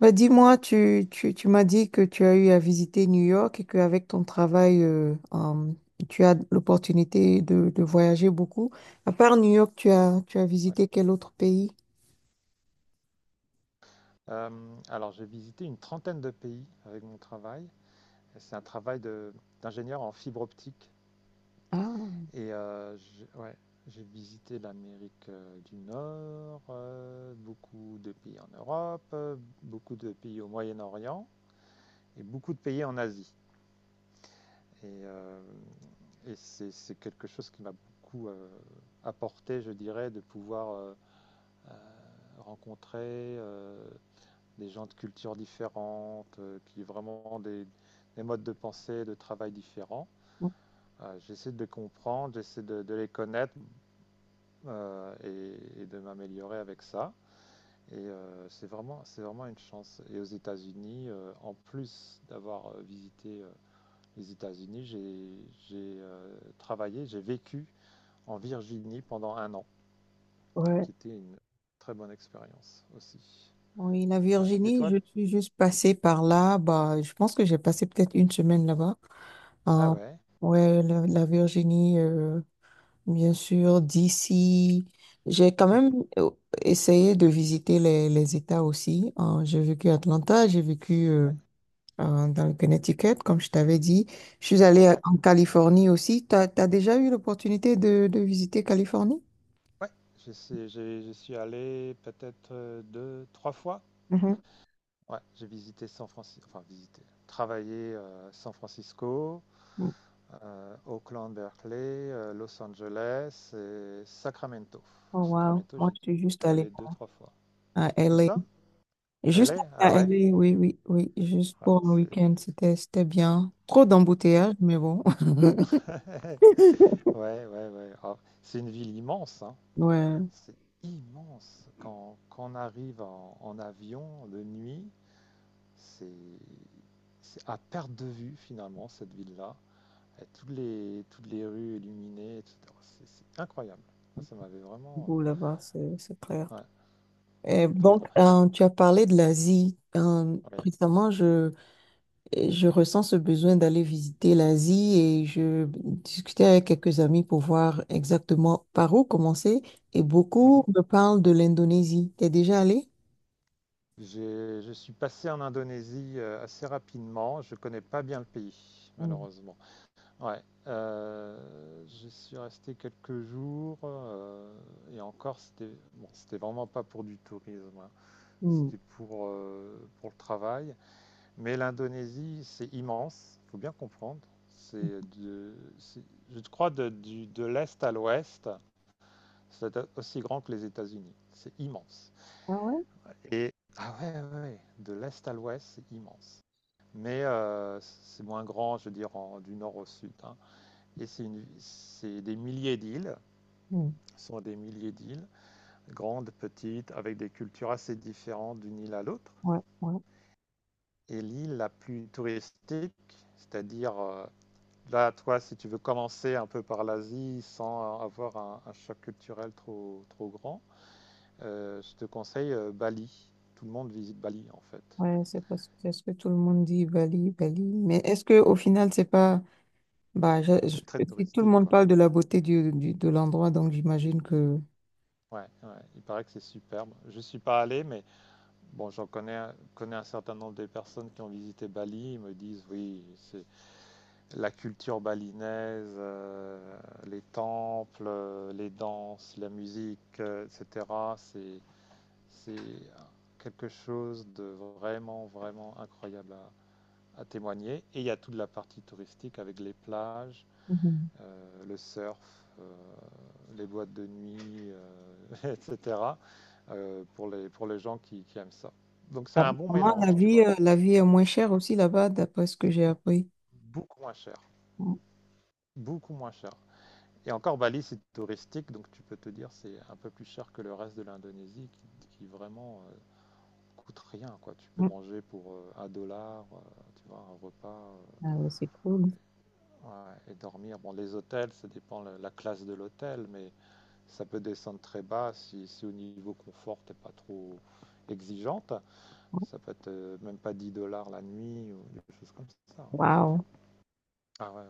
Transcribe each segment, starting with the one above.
Bah, dis-moi, tu m'as dit que tu as eu à visiter New York et qu'avec ton travail, tu as l'opportunité de voyager beaucoup. À part New York, tu as Ouais. visité quel autre pays? Alors, j'ai visité une trentaine de pays avec mon travail. C'est un travail d'ingénieur en fibre optique. Ah, Et j'ai visité l'Amérique du Nord, beaucoup de pays en Europe, beaucoup de pays au Moyen-Orient et beaucoup de pays en Asie. Et, euh, et c'est quelque chose qui m'a beaucoup apporté, je dirais, de pouvoir euh, rencontrer euh, des gens de cultures différentes, qui ont vraiment des modes de pensée, de travail différents. J'essaie de les comprendre, j'essaie de les connaître , et de m'améliorer avec ça. C'est vraiment, c'est vraiment une chance. Et aux États-Unis, en plus d'avoir visité les États-Unis, j'ai travaillé, j'ai vécu en Virginie pendant un an, ouais. qui était une très bonne expérience aussi. Oui, la Ouais. Et Virginie, toi? je suis juste passée par là. Bah, je pense que j'ai passé peut-être une semaine là-bas. Ah Ah, ouais. ouais, la Virginie, bien sûr, d'ici. J'ai quand même euh, essayé de visiter les États aussi. Ah, j'ai vécu à Atlanta, j'ai vécu dans le Connecticut, comme je t'avais dit. Je suis Ouais. allée Ouais. en Californie aussi. Tu as déjà eu l'opportunité de visiter Californie? Ouais, je sais j'y suis allé peut-être, 2-3 fois. Mhm. Ouais, j'ai visité San Francisco, enfin visité, travaillé, San Francisco, Oakland, Berkeley, Los Angeles et Sacramento. Oh, wow. Sacramento, Moi, j'ai je dû suis j'ai juste dû allée aller deux, trois fois. à Où LA. ça? Juste LA? Ah à ouais? LA, oui, oui, oui, juste Ah, pour le c'est week-end, c'était bien. Trop ouais. d'embouteillages, mais bon. Ouais, ouais, ouais. Ah, c'est une ville immense, hein. Ouais, C'est immense. Quand on arrive en avion de nuit, c'est à perte de vue finalement cette ville-là, avec toutes les rues illuminées, etc. C'est incroyable. Ça m'avait vraiment beau là-bas, c'est clair. Ouais, Et très donc, grand. Tu as parlé de l'Asie. Ouais. Récemment, je ressens ce besoin d'aller visiter l'Asie et je discutais avec quelques amis pour voir exactement par où commencer. Et beaucoup Mhm. me parlent de l'Indonésie. T'es déjà allé? Je suis passé en Indonésie assez rapidement. Je connais pas bien le pays, Mm. malheureusement. Ouais. Euh, je suis resté quelques jours, et encore, c'était bon, c'était vraiment pas pour du tourisme, hein. Mm. C'était pour le travail. Mais l'Indonésie, c'est immense, il faut bien comprendre. C'est de, c'est- je crois de l'est à l'ouest, c'est aussi grand que les États-Unis. C'est immense. Ah ouais? Et ah ouais, ouais, ouais, de l'est à l'ouest, c'est immense. Mais c'est moins grand, je veux dire, du nord au sud, hein. Et c'est des milliers d'îles, Mm. ce sont des milliers d'îles, grandes, petites, avec des cultures assez différentes d'une île à l'autre. Ouais, ouais. Et l'île la plus touristique, c'est-à-dire là, toi, si tu veux commencer un peu par l'Asie sans avoir un choc culturel trop, trop grand, je te conseille Bali. Tout le monde visite Bali, en fait. Ouais, c'est parce que c'est ce que tout le monde dit, Bali, Bali. Mais est-ce que au final, c'est pas, bah, C'est très si tout le touristique, monde quoi. parle de la beauté du, de l'endroit, donc j'imagine que. Ouais, ouais, il paraît que c'est superbe. Je suis pas allé, mais bon, connais un certain nombre de personnes qui ont visité Bali. Ils me disent, oui, c'est la culture balinaise, les temples, les danses, la musique, etc. C'est C'est quelque chose de vraiment, vraiment incroyable à témoigner. Et il y a toute la partie touristique avec les plages, Mhm. Le surf, les boîtes de nuit, etc. Pour les gens qui aiment ça. Donc c'est un bon Apparemment, la mélange, tu vie, vois. euh, la vie est moins chère aussi là-bas, d'après ce que j'ai appris. Beaucoup moins cher. Mhm. Beaucoup moins cher. Et encore, Bali, c'est touristique, donc tu peux te dire c'est un peu plus cher que le reste de l'Indonésie, qui vraiment coûte rien, quoi. Tu peux manger pour un dollar, tu vois, un repas, Ah, mais c'est cool. ouais, et dormir. Bon, les hôtels, ça dépend la classe de l'hôtel, mais ça peut descendre très bas si au niveau confort, t'es pas trop exigeante. Ça peut être même pas 10 dollars la nuit ou des choses comme ça. Waouh. Ah ouais, ouais.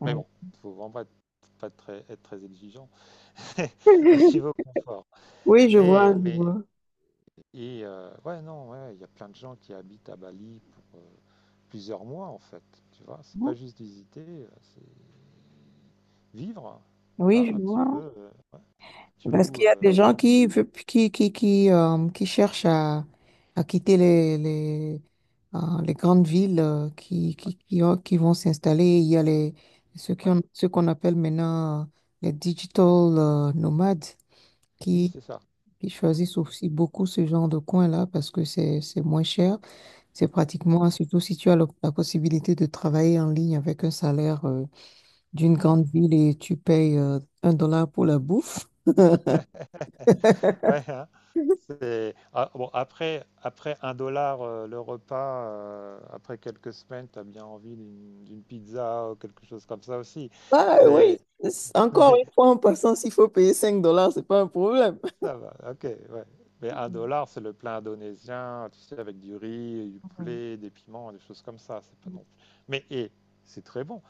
Ah, Mais ouais. bon, faut vraiment pas être, pas très, être très exigeant au niveau confort. Oui, je vois, Mais, je mais, vois. et, ouais, non, ouais, il y a plein de gens qui habitent à Bali pour plusieurs mois en fait. Tu vois, c'est pas juste visiter, c'est vivre, hein, Oui, un je petit vois. peu. Ouais. Tu Parce loues qu'il y a des gens une maison. qui, veut- qui cherchent à quitter les grandes villes qui, Ouais, qui, qui, ont- qui vont s'installer. Il y a les, ceux qui ouais, ont, ceux qu'on appelle maintenant les digital nomades oui, qui, c'est ça. qui choisissent aussi beaucoup ce genre de coin-là parce que c'est moins cher. C'est pratiquement, surtout si tu as la possibilité de travailler en ligne avec un salaire d'une grande Mhm. ville et tu payes $1 pour la bouffe. Ouais, hein. Ah, bon, après un dollar, le repas, après quelques semaines, tu as bien envie d'une pizza ou quelque chose comme ça aussi. Ah oui, C'est encore une fois, en passant, s'il faut payer $5, c'est pas un problème. Ça va, OK, ouais. Mais un Mhm. dollar, c'est le plein indonésien, tu sais, avec du riz, du Mhm, poulet, des piments, des choses comme ça. C'est pas mhm. non plus. Mais et c'est très bon.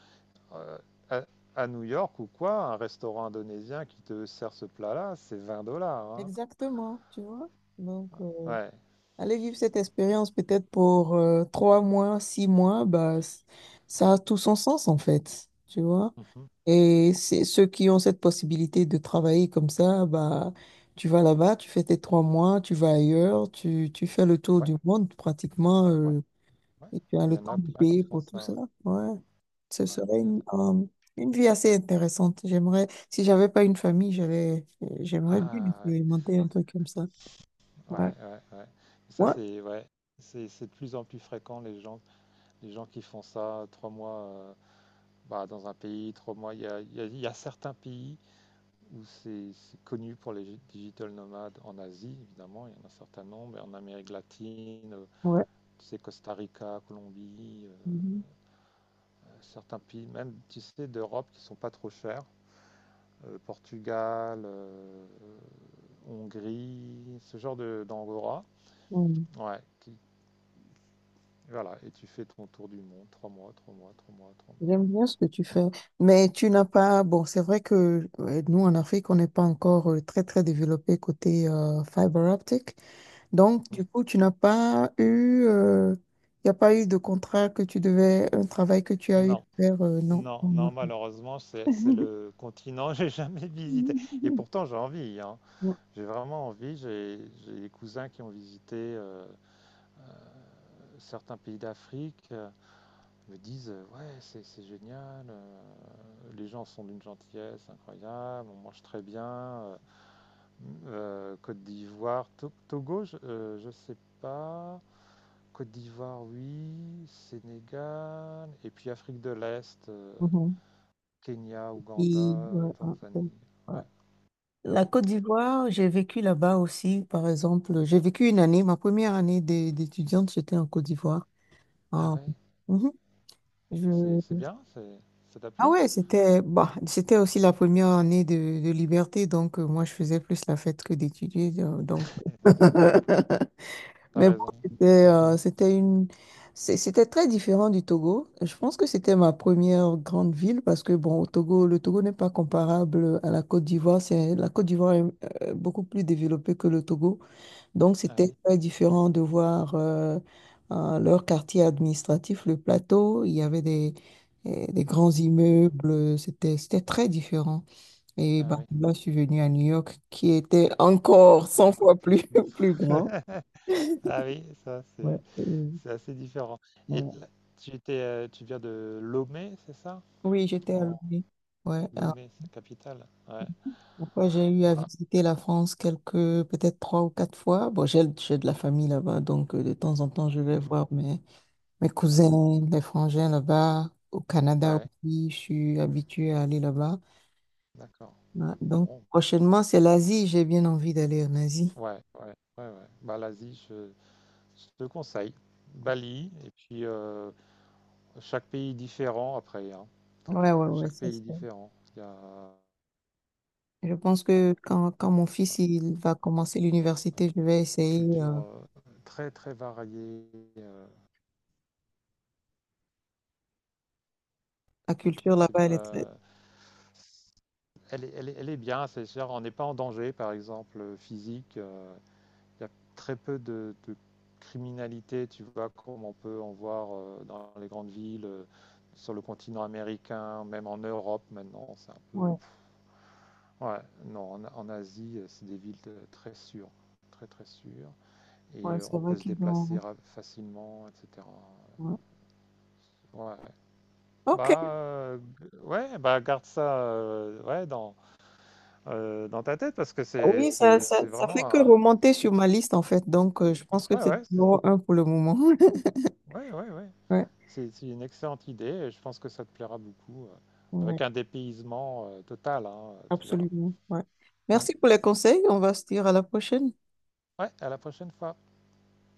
Euh, à, à New York ou quoi, un restaurant indonésien qui te sert ce plat-là, c'est 20 dollars, hein. Exactement, tu vois. Donc, Ouais. aller vivre cette expérience peut-être pour 3 mois, 6 mois, bah, ça a tout son sens en fait, tu vois. Mhm. Et c'est ceux qui ont cette possibilité de travailler comme ça, bah, tu vas là-bas, tu fais tes 3 mois, tu vas ailleurs, tu fais le tour Ouais, du monde pratiquement. ouais, ouais. Et tu as Il le y en temps a de plein qui payer font pour tout ça. ça. Ouais. Ouais. Ce Ouais, serait il y en une, a. euh, une vie assez intéressante. J'aimerais, si j'avais pas une famille, j'aimerais bien Ah, expérimenter un truc comme ça. ouais, Ouais. ouais, ouais. Ouais. Ça, Ouais. c'est ouais. C'est de plus en plus fréquent les gens qui font ça 3 mois. Bah, dans un pays, 3 mois. Il y a certains pays où c'est connu pour les digital nomades en Asie, évidemment, il y en a un certain nombre, et en Amérique latine, Ouais. tu sais, Costa Rica, Colombie, Mhm. Certains pays, même, tu sais, d'Europe qui ne sont pas trop chers, Portugal, Hongrie, ce genre de d'angora. Ouais. Ouais, voilà, et tu fais ton tour du monde, 3 mois, 3 mois, 3 mois, 3 mois. J'aime bien ce que tu fais, mais tu n'as pas, bon, c'est vrai que nous en Afrique, on n'est pas encore très très développé côté fibre optique. Donc, du coup, tu n'as pas eu, il n'y a pas eu de contrat que tu devais, un travail que tu as eu à Non, faire, euh, non. Non, en non, Afrique. malheureusement, c'est le continent que j'ai jamais visité. Et pourtant, j'ai envie, hein. Non. J'ai vraiment envie. J'ai des cousins qui ont visité certains pays d'Afrique, me disent, ouais, c'est génial. Les gens sont d'une gentillesse incroyable. On mange très bien. Côte d'Ivoire, Togo, je sais pas. Côte d'Ivoire, oui. Sénégal. Et puis Afrique de l'Est. Mhm. Kenya, Ouganda, Puis, ouais, ah, ok. Tanzanie. Ouais. Ouais. La Côte d'Ivoire, j'ai vécu là-bas aussi, par exemple. J'ai vécu une année, ma première année d'étudiante, j'étais en Côte d'Ivoire. Ah Ah, ouais, mhm. c'est bien, c'est, ça t'a Ah plu? ouais, c'était aussi la première année de liberté, donc moi je faisais plus la fête que d'étudier. Donc, D'accord, t'as mais bon, raison. c'était très différent du Togo. Je pense que c'était ma première grande ville parce que bon, au Togo, le Togo n'est pas comparable à la Côte d'Ivoire. C'est la Côte d'Ivoire est beaucoup plus développée que le Togo. Donc, Ah c'était oui, très différent de voir leur quartier administratif, le plateau. Il y avait des grands mhm. immeubles. C'était très différent. Et Ah ben, oui, là, je suis venue à New York, qui était encore ah, cent encore fois plus. plus, plus grand. Ah oui, ça Ouais, c'est et c'est assez différent. Et voilà. là, tu viens de Lomé, c'est ça? Oui, j'étais à En Lomé. Ouais, Lomé, sa capitale. Ouais. après, j'ai eu à Voilà. visiter la France peut-être 3 ou 4 fois. Bon, j'ai de la famille là-bas, donc de temps en temps, je vais Mhm. voir, mais mes D'accord. cousins, les frangins là-bas, au Canada Ouais, aussi, je suis habituée à aller là-bas. d'accord. Ouais, donc, Bon. prochainement, c'est l'Asie. J'ai bien envie d'aller en Asie. Ouais, ouais, ouais, ouais. Bah l'Asie, je te conseille. Bali et puis, chaque pays est différent après, hein. Ouais, ouais, ouais, Chaque ça pays est c'est. différent. Il y a Je pense que quand mon fils il va commencer l'université, je vais une essayer. culture euh, très très variée. euh. la culture Ouais, c'est là-bas, bien. elle est très. Elle est bien. C'est sûr, on n'est pas en danger, par exemple, physique. Il y a très peu de criminalité, tu vois, comme on peut en voir dans les grandes villes, sur le continent américain, même en Europe maintenant. C'est un peu. Ouais, Ouais, non, en Asie, c'est des villes très sûres. Très très sûres. et ouais, euh, c'est on vrai peut se qu'ils déplacer ont. Facilement, etc. Ouais. Ouais. Ok. Bah, ouais, bah garde ça, ouais, dans ta tête parce que Oui, ça, ça, c'est ça fait vraiment que un... remonter sur ma liste en fait. Donc, je pense que Ouais, c'est ouais, c'est numéro 1 pour le moment. ouais, ouais, ouais. C'est une excellente idée et je pense que ça te plaira beaucoup. Ouais. Avec un dépaysement total, hein, tu verras. Absolument. Ouais. Mm. Merci pour les conseils. On va se dire à la prochaine. Ouais, à la prochaine fois.